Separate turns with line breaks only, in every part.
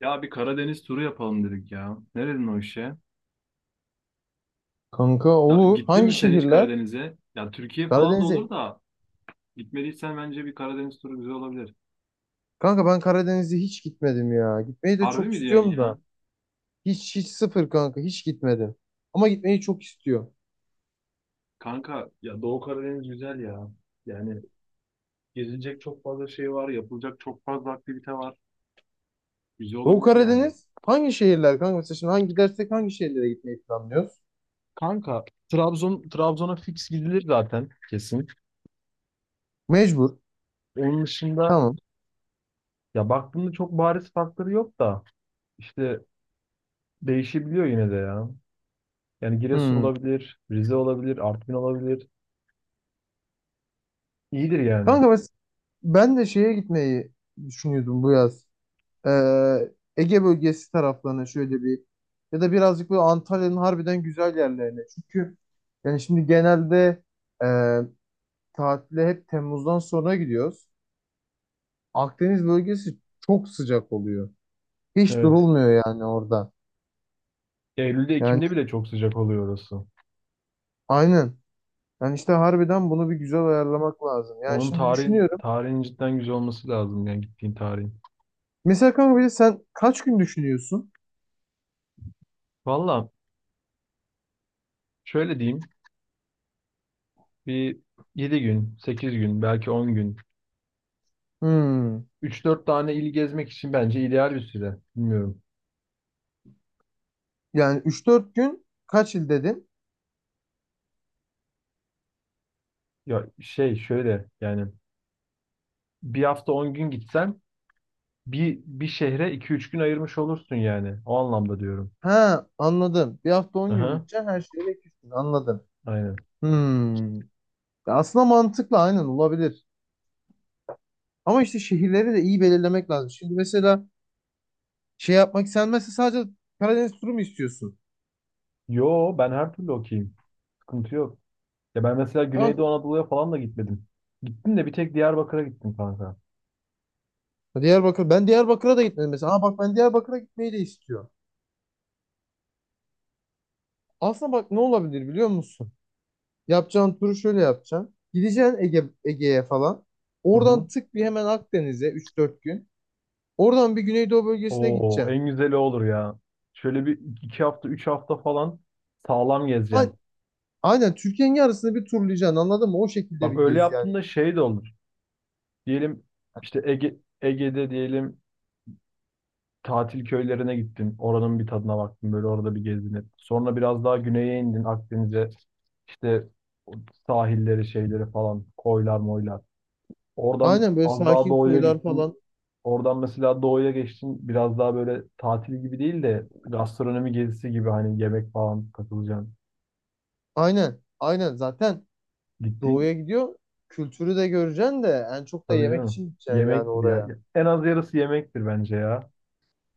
Ya bir Karadeniz turu yapalım dedik ya. Neredin o işe?
Kanka
Ya,
olur.
gittin
Hangi
mi sen hiç
şehirler?
Karadeniz'e? Ya Türkiye falan da
Karadeniz'e.
olur da gitmediysen bence bir Karadeniz turu güzel olabilir.
Kanka ben Karadeniz'e hiç gitmedim ya. Gitmeyi de
Harbi
çok
mi diyorsun
istiyorum da.
ya?
Hiç hiç sıfır kanka hiç gitmedim. Ama gitmeyi çok istiyorum.
Kanka ya Doğu Karadeniz güzel ya. Yani gezilecek çok fazla şey var, yapılacak çok fazla aktivite var. Güzel
Doğu
olabilir yani.
Karadeniz hangi şehirler kanka? Mesela şimdi gidersek hangi şehirlere gitmeyi planlıyoruz?
Kanka Trabzon'a fix gidilir zaten kesin.
Mecbur.
Onun dışında
Tamam.
ya baktığımda çok bariz farkları yok da işte değişebiliyor yine de ya. Yani Giresun
Hmm.
olabilir, Rize olabilir, Artvin olabilir. İyidir yani.
Kanka, ben de şeye gitmeyi düşünüyordum bu yaz. Ee, Ege bölgesi taraflarına şöyle bir, ya da birazcık böyle Antalya'nın harbiden güzel yerlerine. Çünkü yani şimdi genelde tatile hep Temmuz'dan sonra gidiyoruz. Akdeniz bölgesi çok sıcak oluyor. Hiç
Evet.
durulmuyor yani orada.
Eylül'de,
Yani
Ekim'de bile çok sıcak oluyor orası.
aynen. Yani işte harbiden bunu bir güzel ayarlamak lazım. Yani
Onun
şimdi
tarihin,
düşünüyorum.
tarihin cidden güzel olması lazım yani gittiğin tarihin.
Mesela kanka bir de sen kaç gün düşünüyorsun?
Valla şöyle diyeyim bir 7 gün, 8 gün, belki 10 gün.
Hmm.
Üç dört tane il gezmek için bence ideal bir süre. Bilmiyorum.
Yani üç dört gün kaç il dedin?
Ya şey şöyle yani bir hafta 10 gün gitsen bir şehre 2 3 gün ayırmış olursun yani. O anlamda diyorum.
Ha, anladım. Bir hafta on gün
Aha,
gideceksin. Her şeyle 2 gün anladım.
aynen.
Hmm. Ya, aslında mantıklı, aynen olabilir. Ama işte şehirleri de iyi belirlemek lazım. Şimdi mesela şey yapmak, sen mesela sadece Karadeniz turu mu istiyorsun?
Yo ben her türlü okuyayım. Sıkıntı yok. Ya ben mesela
Kanka
Güneydoğu Anadolu'ya falan da gitmedim. Gittim de bir tek Diyarbakır'a gittim kanka.
Diyarbakır. Ben Diyarbakır'a da gitmedim mesela. Aa bak, ben Diyarbakır'a gitmeyi de istiyorum. Aslında bak ne olabilir biliyor musun? Yapacağın turu şöyle yapacaksın. Gideceksin Ege, Ege'ye falan.
Hı
Oradan
hı.
tık bir hemen Akdeniz'e üç dört gün. Oradan bir Güneydoğu bölgesine
Oo,
gideceksin.
en güzeli olur ya. Şöyle bir 2 hafta, 3 hafta falan sağlam
Ha,
gezeceksin.
aynen, Türkiye'nin yarısını bir turlayacaksın, anladın mı? O şekilde
Bak
bir
öyle
gez yani.
yaptığında şey de olur. Diyelim işte Ege'de diyelim tatil köylerine gittin. Oranın bir tadına baktın. Böyle orada bir gezdin. Sonra biraz daha güneye indin Akdeniz'e. İşte o sahilleri şeyleri falan koylar moylar. Oradan
Aynen, böyle
az daha
sakin
doğuya
koylar
gittin.
falan.
Oradan mesela doğuya geçtin. Biraz daha böyle tatil gibi değil de gastronomi gezisi gibi hani yemek falan katılacaksın.
Aynen. Aynen zaten doğuya
Gittiğin
gidiyor. Kültürü de göreceksin de en çok da
tabii
yemek
canım
için gideceksin yani
yemektir ya.
oraya.
En az yarısı yemektir bence ya.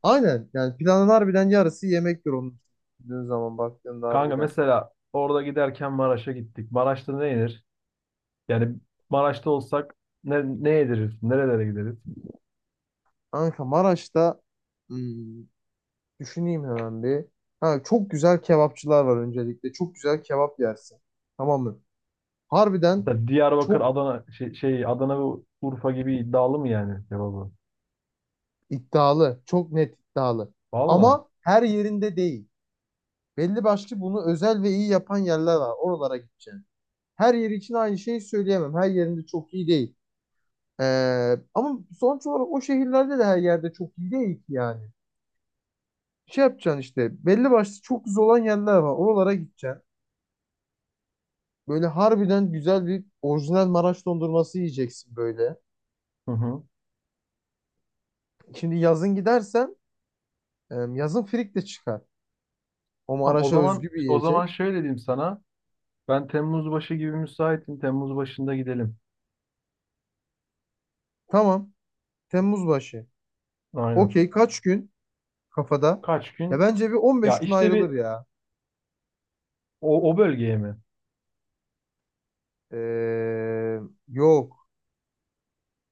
Aynen, yani planın harbiden yarısı yemektir onun, düşündüğün zaman baktığında
Kanka
harbiden.
mesela orada giderken Maraş'a gittik. Maraş'ta ne yenir? Yani Maraş'ta olsak ne yediririz? Nerelere gideriz?
Kanka Maraş'ta, hmm, düşüneyim hemen bir. Ha, çok güzel kebapçılar var öncelikle. Çok güzel kebap yersin. Tamam mı? Harbiden
Mesela Diyarbakır,
çok
Adana Adana ve Urfa gibi iddialı mı yani cevabı?
iddialı. Çok net iddialı.
Valla.
Ama her yerinde değil. Belli başlı bunu özel ve iyi yapan yerler var. Oralara gideceksin. Her yeri için aynı şeyi söyleyemem. Her yerinde çok iyi değil. Ama sonuç olarak o şehirlerde de her yerde çok iyi değil ki yani. Şey yapacaksın, işte belli başlı çok güzel olan yerler var. Oralara gideceksin. Böyle harbiden güzel bir orijinal Maraş dondurması yiyeceksin böyle.
Hı hı.
Şimdi yazın gidersen yazın frik de çıkar. O
Tamam, o
Maraş'a
zaman
özgü bir
o zaman
yiyecek.
şöyle diyeyim sana. Ben Temmuz başı gibi müsaitim. Temmuz başında gidelim.
Tamam. Temmuz başı.
Aynen.
Okey, kaç gün kafada?
Kaç
Ya
gün?
bence bir
Ya
15 gün
işte
ayrılır
bir
ya.
o bölgeye mi?
Ee, Yok.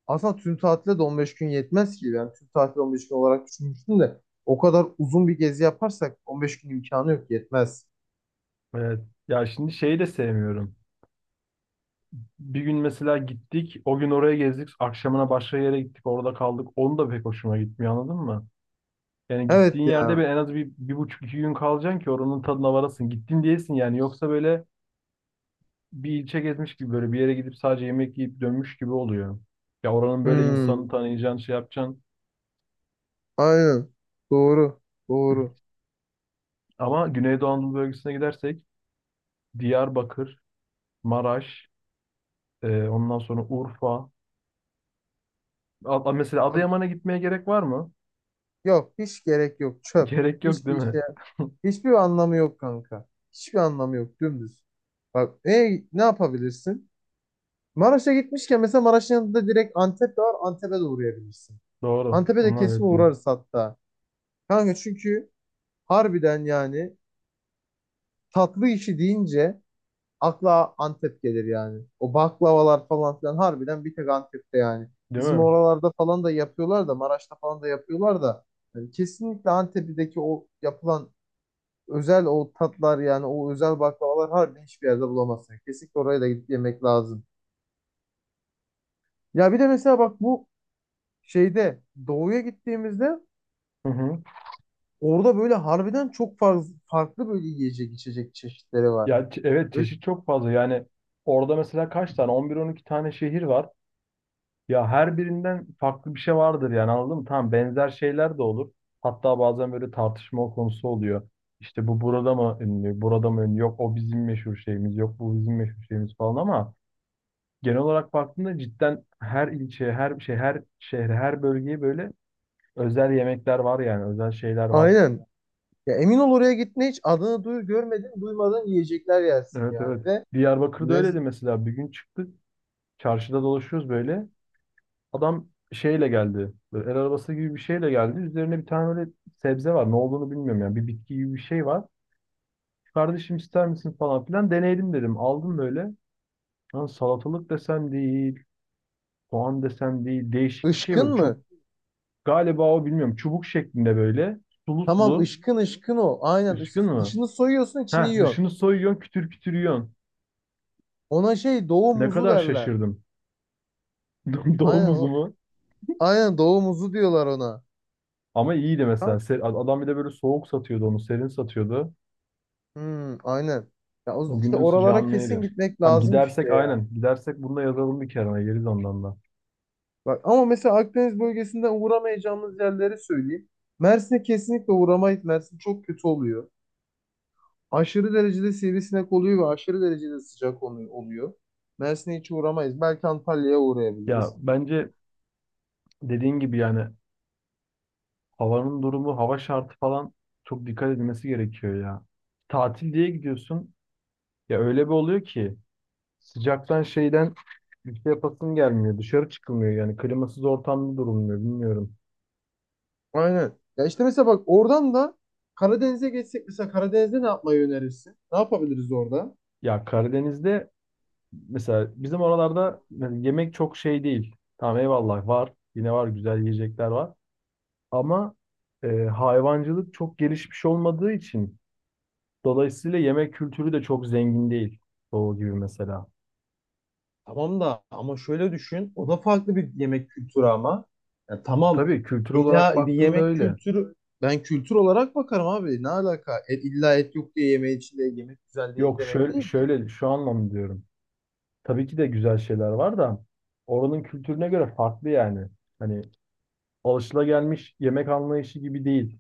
Aslında tüm tatile de 15 gün yetmez ki. Ben tüm tatil 15 gün olarak düşünmüştüm de o kadar uzun bir gezi yaparsak 15 gün imkanı yok, yetmez.
Evet. Ya şimdi şeyi de sevmiyorum. Bir gün mesela gittik. O gün oraya gezdik. Akşamına başka yere gittik. Orada kaldık. Onu da pek hoşuma gitmiyor anladın mı? Yani
Evet
gittiğin yerde
ya.
en az bir, bir buçuk iki gün kalacaksın ki oranın tadına varasın. Gittin diyesin yani. Yoksa böyle bir ilçe gezmiş gibi böyle bir yere gidip sadece yemek yiyip dönmüş gibi oluyor. Ya oranın böyle
Hmm,
insanı tanıyacaksın, şey yapacaksın.
aynen. Doğru. Doğru.
Ama Güneydoğu Anadolu bölgesine gidersek Diyarbakır, Maraş, ondan sonra Urfa. Mesela
Bak,
Adıyaman'a gitmeye gerek var mı?
yok hiç gerek yok. Çöp.
Gerek yok değil
Hiçbir
mi?
şey. Hiçbir anlamı yok kanka. Hiçbir anlamı yok. Dümdüz. Bak, ne yapabilirsin? Maraş'a gitmişken mesela Maraş'ın yanında direkt Antep de var. Antep'e de uğrayabilirsin.
Doğru.
Antep'e de
Onlar
kesin
yakın.
uğrarız hatta. Kanka çünkü harbiden yani tatlı işi deyince akla Antep gelir yani. O baklavalar falan filan harbiden bir tek Antep'te yani.
Değil
Bizim
mi?
oralarda falan da yapıyorlar da Maraş'ta falan da yapıyorlar da, yani kesinlikle Antep'teki o yapılan özel o tatlar, yani o özel baklavalar harbiden hiçbir yerde bulamazsın. Yani kesinlikle oraya da gidip yemek lazım. Ya bir de mesela bak, bu şeyde doğuya gittiğimizde
Hı hı.
orada böyle harbiden çok farklı, farklı böyle yiyecek içecek çeşitleri var.
Ya evet
Böyle-
çeşit çok fazla. Yani orada mesela kaç tane? 11 12 tane şehir var. Ya her birinden farklı bir şey vardır yani anladın mı? Tamam benzer şeyler de olur. Hatta bazen böyle tartışma konusu oluyor. İşte bu burada mı ünlü, burada mı ünlü, yok o bizim meşhur şeyimiz, yok bu bizim meşhur şeyimiz falan ama genel olarak baktığında cidden her ilçeye, her şey, her şehre, her bölgeye böyle özel yemekler var yani özel şeyler var.
Aynen. Ya emin ol, oraya gitme, hiç adını görmedin duymadan yiyecekler yersin
Evet, evet.
yani ve
Diyarbakır'da
lez-
öyleydi mesela bir gün çıktık, çarşıda dolaşıyoruz böyle. Adam şeyle geldi. Böyle el arabası gibi bir şeyle geldi. Üzerine bir tane böyle sebze var. Ne olduğunu bilmiyorum yani. Bir bitki gibi bir şey var. Kardeşim ister misin falan filan. Deneyelim dedim. Aldım böyle. Lan salatalık desem değil. Soğan desem değil. Değişik bir şey
ışkın
böyle.
mı?
Galiba o, bilmiyorum. Çubuk şeklinde böyle. Sulu
Tamam,
sulu.
ışkın, ışkın o. Aynen,
Üskün mü?
dışını soyuyorsun, içini
Ha
yiyorsun.
dışını soyuyorsun, kütür kütür yiyorsun.
Ona şey, doğu
Ne
muzu
kadar
derler.
şaşırdım. Doğum
Aynen o.
uzumu.
Aynen, doğu muzu diyorlar ona.
Ama iyiydi mesela.
Kanka.
Adam bir de böyle soğuk satıyordu onu. Serin satıyordu.
Hmm, aynen. Ya
O
işte
günün
oralara
sıcağını
kesin
eriyor.
gitmek
Tamam
lazım işte
gidersek
ya.
aynen. Gidersek bunu da yazalım bir kenara. Geliriz ondan da.
Bak, ama mesela Akdeniz bölgesinden uğramayacağımız yerleri söyleyeyim. Mersin'e kesinlikle uğramayız. Mersin çok kötü oluyor. Aşırı derecede sivrisinek oluyor ve aşırı derecede sıcak oluyor. Mersin'e hiç uğramayız. Belki Antalya'ya
Ya
uğrayabiliriz.
bence dediğin gibi yani havanın durumu, hava şartı falan çok dikkat edilmesi gerekiyor ya. Tatil diye gidiyorsun. Ya öyle bir oluyor ki sıcaktan şeyden bir şey yapasın gelmiyor. Dışarı çıkılmıyor yani. Klimasız ortamda durulmuyor. Bilmiyorum.
Aynen. Ya işte mesela bak, oradan da Karadeniz'e geçsek mesela, Karadeniz'de ne yapmayı önerirsin? Ne yapabiliriz orada?
Ya Karadeniz'de mesela bizim oralarda yani yemek çok şey değil. Tamam eyvallah var. Yine var, güzel yiyecekler var. Ama hayvancılık çok gelişmiş olmadığı için dolayısıyla yemek kültürü de çok zengin değil. Doğu gibi mesela.
Tamam da, ama şöyle düşün. O da farklı bir yemek kültürü ama. Ya tamam.
Tabii kültür olarak
İlla bir
baktığında
yemek
öyle.
kültürü, ben kültür olarak bakarım abi. Ne alaka? İlla et yok diye yemeği içinde yemek güzel değil
Yok
demek
şöyle,
değil. Ki.
şöyle şu anlamda diyorum. Tabii ki de güzel şeyler var da oranın kültürüne göre farklı yani. Hani alışılagelmiş yemek anlayışı gibi değil.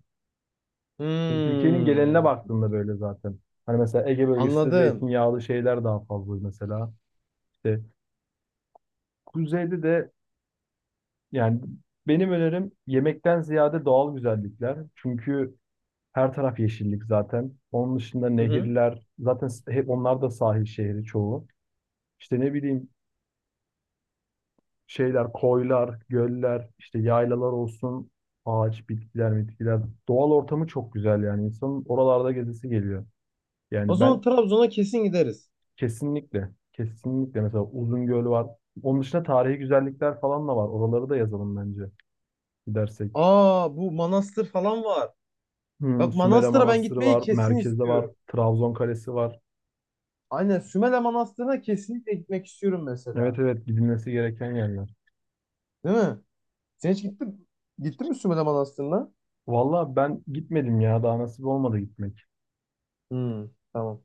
Çünkü Türkiye'nin geneline
Hmm,
baktığında böyle zaten. Hani mesela Ege bölgesinde
anladım.
zeytinyağlı şeyler daha fazla mesela. İşte kuzeyde de yani benim önerim yemekten ziyade doğal güzellikler. Çünkü her taraf yeşillik zaten. Onun dışında
Hı hı.
nehirler, zaten hep onlar da sahil şehri çoğu. İşte ne bileyim şeyler, koylar, göller, işte yaylalar olsun, ağaç, bitkiler, bitkiler. Doğal ortamı çok güzel yani. İnsanın oralarda gezisi geliyor.
O
Yani ben
zaman Trabzon'a kesin gideriz.
kesinlikle, kesinlikle mesela Uzungöl var. Onun dışında tarihi güzellikler falan da var. Oraları da yazalım bence gidersek.
Aa, bu Manastır falan var. Bak,
Sümele
Manastır'a ben
Manastırı
gitmeyi
var,
kesin
merkezde var,
istiyorum.
Trabzon Kalesi var.
Aynen, Sümele Manastır'ına kesinlikle gitmek istiyorum
Evet,
mesela.
evet gidilmesi gereken yerler.
Değil mi? Sen hiç gittin, gittin mi Sümele Manastır'ına?
Valla ben gitmedim ya, daha nasip olmadı gitmek.
Hmm, tamam.